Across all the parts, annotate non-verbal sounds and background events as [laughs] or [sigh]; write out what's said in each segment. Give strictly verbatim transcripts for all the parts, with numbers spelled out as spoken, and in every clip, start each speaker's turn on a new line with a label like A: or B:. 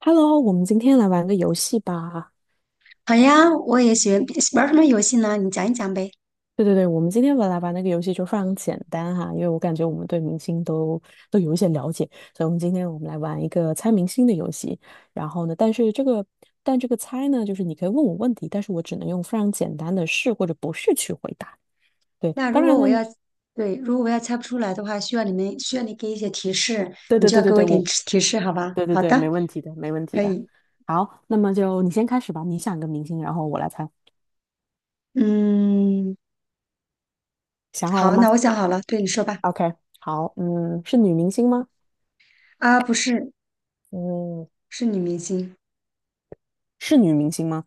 A: Hello，我们今天来玩个游戏吧。
B: 好呀，我也喜欢玩儿什么游戏呢？你讲一讲呗。
A: 对对对，我们今天来玩那个游戏就非常简单哈，因为我感觉我们对明星都都有一些了解，所以我们今天我们来玩一个猜明星的游戏。然后呢，但是这个但这个猜呢，就是你可以问我问题，但是我只能用非常简单的是或者不是去回答。对，
B: 那
A: 当
B: 如果
A: 然
B: 我
A: 呢，
B: 要，对，如果我要猜不出来的话，需要你们需要你给一些提示，
A: 对
B: 你
A: 对
B: 就要
A: 对对
B: 给我
A: 对，
B: 一点
A: 我
B: 提提示，好吧？
A: 对对
B: 好
A: 对，
B: 的，
A: 没问题的，没问题
B: 可
A: 的。
B: 以。
A: 好，那么就你先开始吧，你想一个明星，然后我来猜。
B: 嗯，
A: 想好
B: 好，
A: 了吗
B: 那我想好了，对你说吧。
A: ？OK，好，嗯，是女明星吗？
B: 啊，不是，
A: 嗯，
B: 是女明星，
A: 是女明星吗？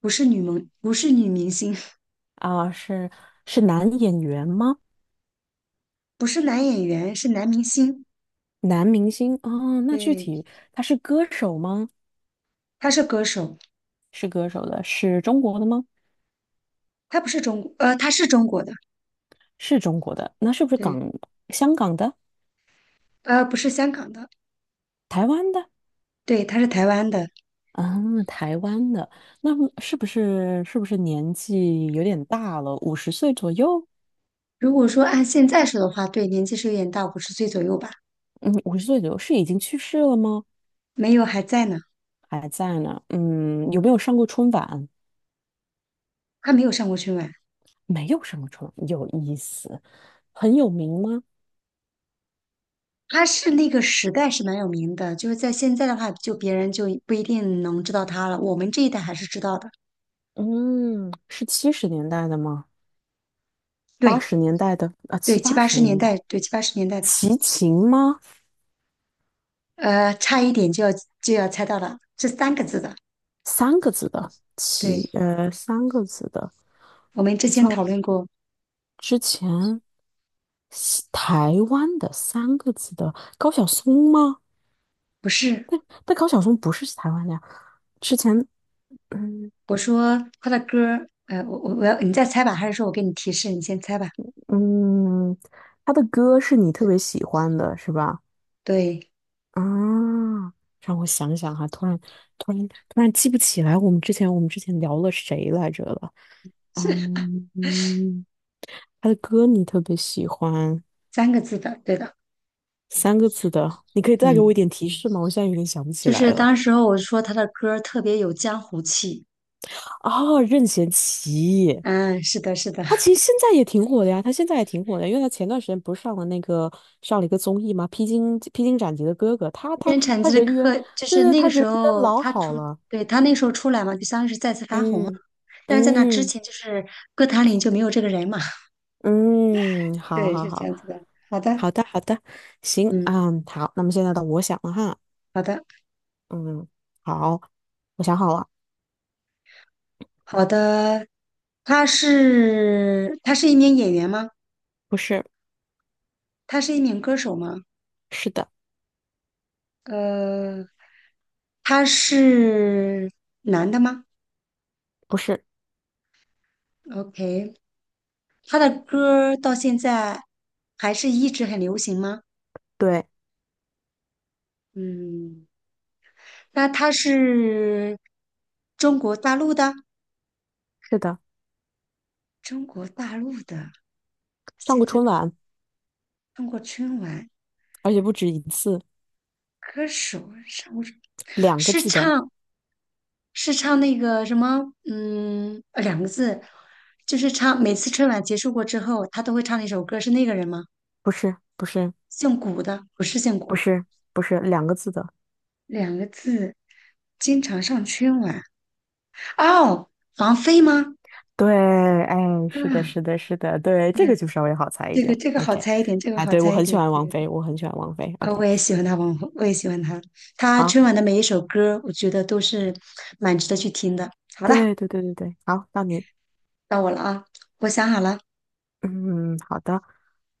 B: 不是女萌，不是女明星，
A: 啊，是是男演员吗？
B: [laughs] 不是男演员，是男明星。
A: 男明星哦，那具
B: 对，
A: 体他是歌手吗？
B: 他是歌手，
A: 是歌手的，是中国的吗？
B: 他不是中国，呃，他是中国的，
A: 是中国的，那是不是港、
B: 对，
A: 香港的、
B: 呃，不是香港的，
A: 台湾的？
B: 对，他是台湾的。
A: 啊，台湾的，那么是不是是不是年纪有点大了？五十岁左右？
B: 如果说按现在说的话，对，年纪是有点大，五十岁左右吧。
A: 嗯，五十岁左右是已经去世了吗？
B: 没有，还在呢，
A: 还在呢？嗯，有没有上过春晚？
B: 他没有上过春晚，
A: 没有上过春晚，有意思。很有名吗？
B: 他是那个时代是蛮有名的，就是在现在的话，就别人就不一定能知道他了，我们这一代还是知道的。
A: 嗯，是七十年代的吗？八
B: 对
A: 十年代的啊，
B: 对，
A: 七
B: 七
A: 八
B: 八
A: 十
B: 十年
A: 年代，
B: 代，对七八十年代的，
A: 齐秦吗？
B: 呃，差一点就要就要猜到了，这三个字的。
A: 三个字的齐，
B: 对，
A: 呃，三个字的
B: 我们之
A: 比
B: 前讨
A: 较
B: 论过，
A: 之前西台湾的三个字的高晓松吗？
B: 不是，
A: 但高晓松不是台湾的呀。之前，嗯
B: 我说他的歌，呃，我我我要你再猜吧，还是说我给你提示，你先猜吧？
A: 嗯，他的歌是你特别喜欢的，是吧？
B: 对，
A: 啊，让我想想哈、突然突然突然记不起来，我们之前我们之前聊了谁来着了？嗯嗯，他的歌你特别喜欢，
B: 三个字的，对的，
A: 三个字的，你可以再给我
B: 嗯。
A: 一点提示吗？我现在有点想不起
B: 就
A: 来
B: 是
A: 了。
B: 当时候我说他的歌儿特别有江湖气，
A: 哦，任贤齐，
B: 嗯，是的，是的，
A: 他其实现在也挺火的呀，他现在也挺火的，因为他前段时间不是上了那个上了一个综艺吗？披荆披荆斩棘的哥哥，他他
B: 任产
A: 他
B: 基的
A: 人缘，
B: 歌就
A: 对
B: 是
A: 对，
B: 那个
A: 他
B: 时
A: 人缘
B: 候
A: 老
B: 他
A: 好
B: 出，
A: 了。
B: 对，他那时候出来嘛，就相当于是再次发红嘛，
A: 嗯
B: 但是在那之
A: 嗯
B: 前就是歌坛里就没有这个人嘛，
A: 嗯，
B: [laughs]
A: 好
B: 对，
A: 好
B: 是这
A: 好，
B: 样子的。好的，
A: 好的好的，行
B: 嗯，
A: 啊，嗯，好，那么现在到我想了哈。
B: 好的，
A: 嗯，好，我想好了，
B: 好的，他是他是一名演员吗？
A: 不是，
B: 他是一名歌手吗？
A: 是的，
B: 呃，他是男的吗
A: 不是，
B: ？OK，他的歌儿到现在还是一直很流行吗？
A: 对，
B: 嗯，那他是中国大陆的，
A: 是的，
B: 中国大陆的，
A: 上过
B: 现在
A: 春晚，
B: 中国春晚
A: 而且不止一次，
B: 歌手上过
A: 两个
B: 是
A: 字的，
B: 唱是唱那个什么，嗯，呃两个字，就是唱每次春晚结束过之后，他都会唱的一首歌，是那个人吗？
A: 不是，不是，
B: 姓古的，不是姓
A: 不
B: 古，
A: 是，不是两个字的，
B: 两个字，经常上春晚。哦，王菲吗？
A: 对，哎，是的，
B: 啊，
A: 是的，是的，对，
B: 那
A: 这个就稍微好猜一
B: 这个
A: 点
B: 这个好
A: ，OK，
B: 猜一点，这个
A: 哎，
B: 好
A: 对，我
B: 猜一
A: 很喜
B: 点，
A: 欢
B: 对
A: 王
B: 对
A: 菲，
B: 对，
A: 我很喜欢王菲
B: 啊，
A: ，OK，
B: 我也喜欢他王，红，我也喜欢他，他
A: 好，
B: 春晚的每一首歌，我觉得都是蛮值得去听的。好了，
A: 对，对，对，对，对，好，到你，
B: 到我了啊，我想好了，
A: 嗯，好的，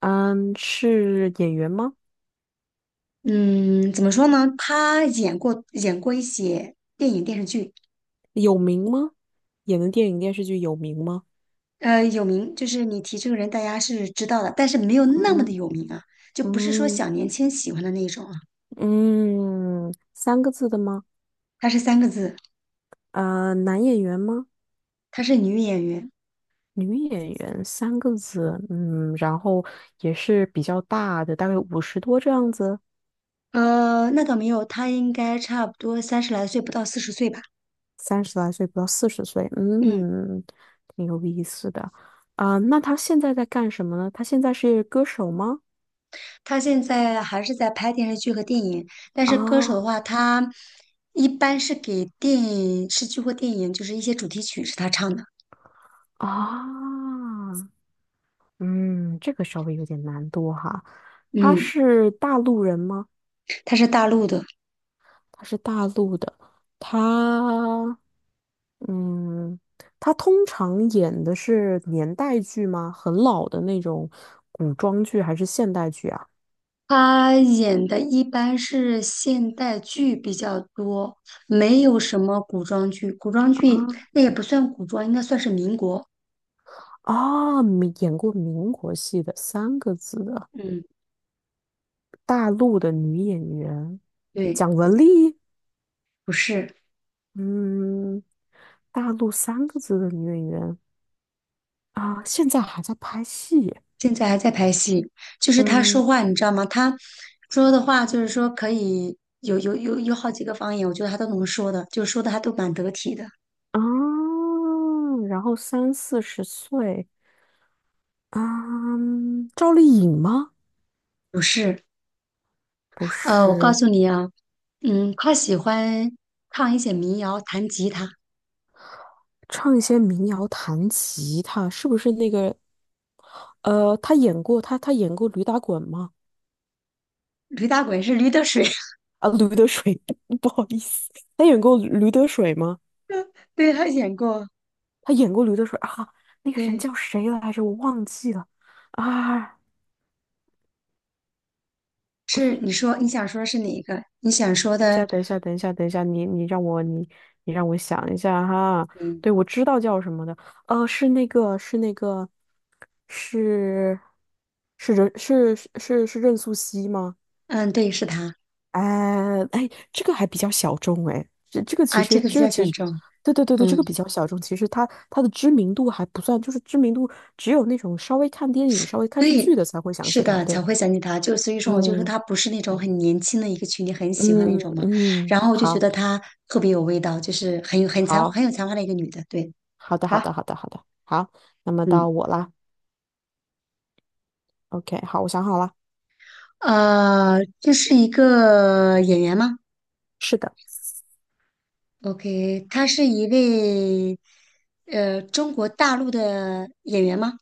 A: 嗯，是演员吗？
B: 嗯，怎么说呢？他演过演过一些电影电视剧，
A: 有名吗？演的电影电视剧有名吗？
B: 呃，有名，就是你提这个人，大家是知道的，但是没有那么的
A: 嗯
B: 有名啊，就不是说
A: 嗯。
B: 小年轻喜欢的那种啊。
A: 嗯，三个字的吗？
B: 她是三个字，
A: 呃，男演员吗？
B: 她是女演员，
A: 女演员，三个字。嗯，然后也是比较大的，大概五十多这样子，
B: 呃，那倒没有，她应该差不多三十来岁，不到四十岁吧。
A: 三十来岁不到四十岁。
B: 嗯。
A: 嗯，挺有意思的。啊、那他现在在干什么呢？他现在是歌手吗？
B: 他现在还是在拍电视剧和电影，但是歌手的
A: 啊
B: 话，他一般是给电视剧或电影，就是一些主题曲是他唱的。
A: 啊，嗯，这个稍微有点难度哈。他
B: 嗯，
A: 是大陆人吗？
B: 他是大陆的，
A: 她是大陆的，她，嗯，她通常演的是年代剧吗？很老的那种古装剧还是现代剧啊？
B: 他演的一般是现代剧比较多，没有什么古装剧。古装剧
A: 啊，
B: 那也不算古装，应该算是民国。
A: 啊，民演过民国戏的三个字的
B: 嗯，
A: 大陆的女演员，
B: 对，
A: 蒋雯丽。
B: 不是。
A: 嗯，大陆三个字的女演员啊，现在还在拍戏。
B: 现在还在拍戏，就是他说
A: 嗯
B: 话，你知道吗？他说的话就是说可以有有有有好几个方言，我觉得他都能说的，就说的还都蛮得体的。
A: 啊，然后三四十岁。啊，赵丽颖吗？
B: 不是，
A: 不
B: 呃，我告
A: 是，
B: 诉你啊，嗯，他喜欢唱一些民谣，弹吉他。
A: 唱一些民谣、弹吉他，是不是那个？呃，她演过，她她演过驴打滚吗？
B: 驴打滚是驴得水，
A: 啊，驴得水，[laughs] 不好意思，她演过驴得水吗？
B: [laughs] 对，他演过，
A: 她演过驴得水啊，那个人
B: 对，
A: 叫谁来着？我忘记了啊。
B: 是你说你想说是哪一个？你想说
A: 等一
B: 的，
A: 下，等一下，等一下，等一下，你你让我你你让我想一下哈。
B: 嗯
A: 对，我知道叫什么的，呃，是那个是那个是是任是是是是任素汐吗？
B: 嗯，对，是他
A: 哎哎，这个还比较小众哎，这这个其
B: 啊，这
A: 实
B: 个比
A: 这个
B: 较
A: 其
B: 想
A: 实，
B: 中，
A: 对对对对，这
B: 嗯。
A: 个比较小众，其实它它的知名度还不算，就是知名度只有那种稍微看电影、稍微看视
B: 对，
A: 剧的才会想
B: 是
A: 起他，
B: 的，才
A: 对，
B: 会想起他。就所以说，我就说
A: 嗯
B: 他不是那种很年轻的一个群体，很喜欢那
A: 嗯
B: 种嘛。
A: 嗯，嗯
B: 然后我就觉得
A: 好，
B: 她特别有味道，就是很有很才
A: 好。
B: 很有才华的一个女的。对，
A: 好的，好
B: 好，
A: 的，好的，好的，好，那么
B: 嗯，
A: 到我啦。OK，好，我想好了，
B: 呃，这是一个演员吗
A: 是的，
B: ？OK，她是一位呃中国大陆的演员吗？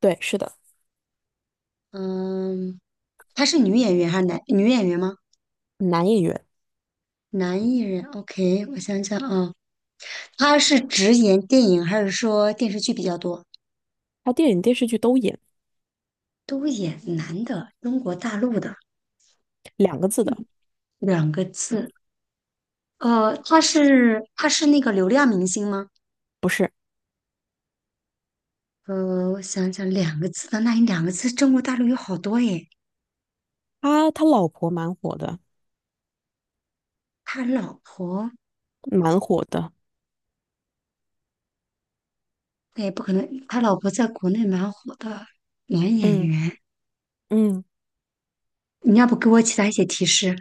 A: 对，是的，
B: 嗯，她是女演员还是男女演员吗？
A: 男演员，
B: 男艺人，OK，我想想啊，她是只演电影还是说电视剧比较多？
A: 他电影电视剧都演，
B: 都演男的，中国大陆的
A: 两个字的，
B: 两个字。呃，他是他是那个流量明星吗？
A: 不是，
B: 呃，我想想，两个字的，那你两个字，中国大陆有好多耶。
A: 他他老婆蛮火的，
B: 他老婆，
A: 蛮火的，
B: 那也不可能，他老婆在国内蛮火的男演
A: 嗯
B: 员。
A: 嗯
B: 你要不给我其他一些提示？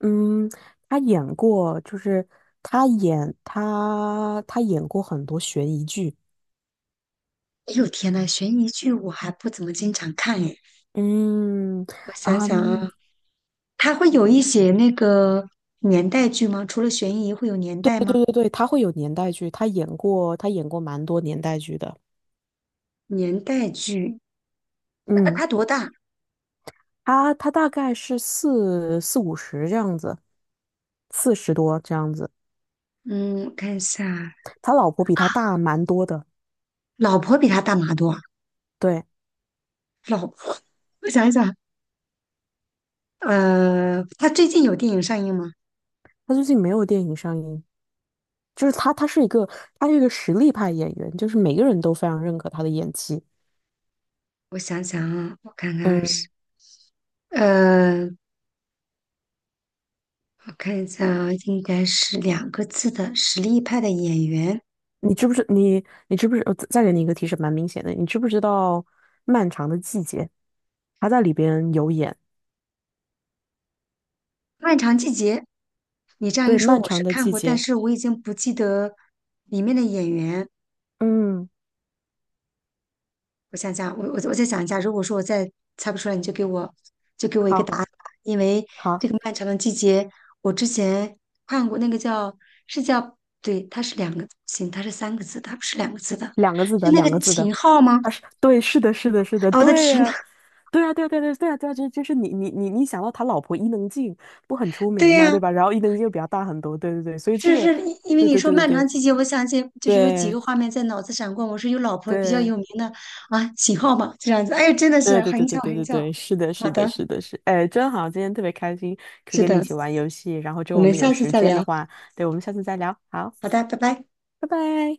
A: 嗯，他演过，就是他演他他演过很多悬疑剧，
B: 哎呦天呐，悬疑剧我还不怎么经常看耶。
A: 嗯
B: 我想
A: 啊，
B: 想啊，
A: 嗯
B: 他会有一些那个年代剧吗？除了悬疑，会有年代
A: 对
B: 吗？
A: 对对，他会有年代剧，他演过他演过蛮多年代剧的，
B: 年代剧，他
A: 嗯。
B: 他多大？
A: 他他大概是四四五十这样子，四十多这样子。
B: 嗯，我看一下啊，
A: 他老婆比他大蛮多的，
B: 老婆比他大马多啊。
A: 对，
B: 老婆，我想一想，呃，他最近有电影上映吗？
A: 他最近没有电影上映，就是他，他是一个，他是一个实力派演员，就是每个人都非常认可他的演技。
B: 我想想啊，我看看是，
A: 嗯，
B: 呃，我看一下啊，应该是两个字的实力派的演员，
A: 你知不知你你知不知？呃再再给你一个提示，蛮明显的，你知不知道《漫长的季节》？他在里边有演，
B: 《漫长季节》。你这样一
A: 对，
B: 说，
A: 《漫
B: 我
A: 长
B: 是
A: 的
B: 看
A: 季
B: 过，但
A: 节》。
B: 是我已经不记得里面的演员。
A: 嗯，
B: 我想想，我我我再想一下，如果说我再猜不出来，你就给我就给我一个答案
A: 好
B: 吧，因为
A: 好。
B: 这个漫长的季节，我之前看过那个叫是叫对，它是两个行，它是三个字的它不是两个字的，
A: 两个字
B: 是
A: 的，
B: 那
A: 两个
B: 个
A: 字的。
B: 秦昊吗？
A: 啊，是，对，是的，是的，是的，
B: 啊、我的
A: 对
B: 天呐，
A: 呀、对呀，对呀，对啊，对啊，对呀，对啊，这这是你你你你想到他老婆伊能静不很出
B: [laughs] 对
A: 名吗？
B: 呀、
A: 对吧？然后伊能静又比较大很多，对对对，所以这
B: 是
A: 个，
B: 是，因因为
A: 对
B: 你
A: 对
B: 说
A: 对
B: 漫长
A: 对
B: 季节，我想起就是有几
A: 对
B: 个画面在脑子闪过，我说有老婆比较
A: 对
B: 有名的啊，秦昊嘛，这样子，哎，真的
A: 对
B: 是
A: 对对
B: 很巧
A: 对对对
B: 很
A: 对
B: 巧，
A: 对，是的，
B: 好
A: 是的，
B: 的，
A: 是的，是，哎，真好，今天特别开心，可以
B: 是
A: 跟你一
B: 的，
A: 起玩游戏，然后之
B: 我
A: 后我
B: 们
A: 们有
B: 下次
A: 时
B: 再
A: 间的
B: 聊，
A: 话，对，我们下次再聊，好，
B: 好的，拜拜。
A: 拜拜。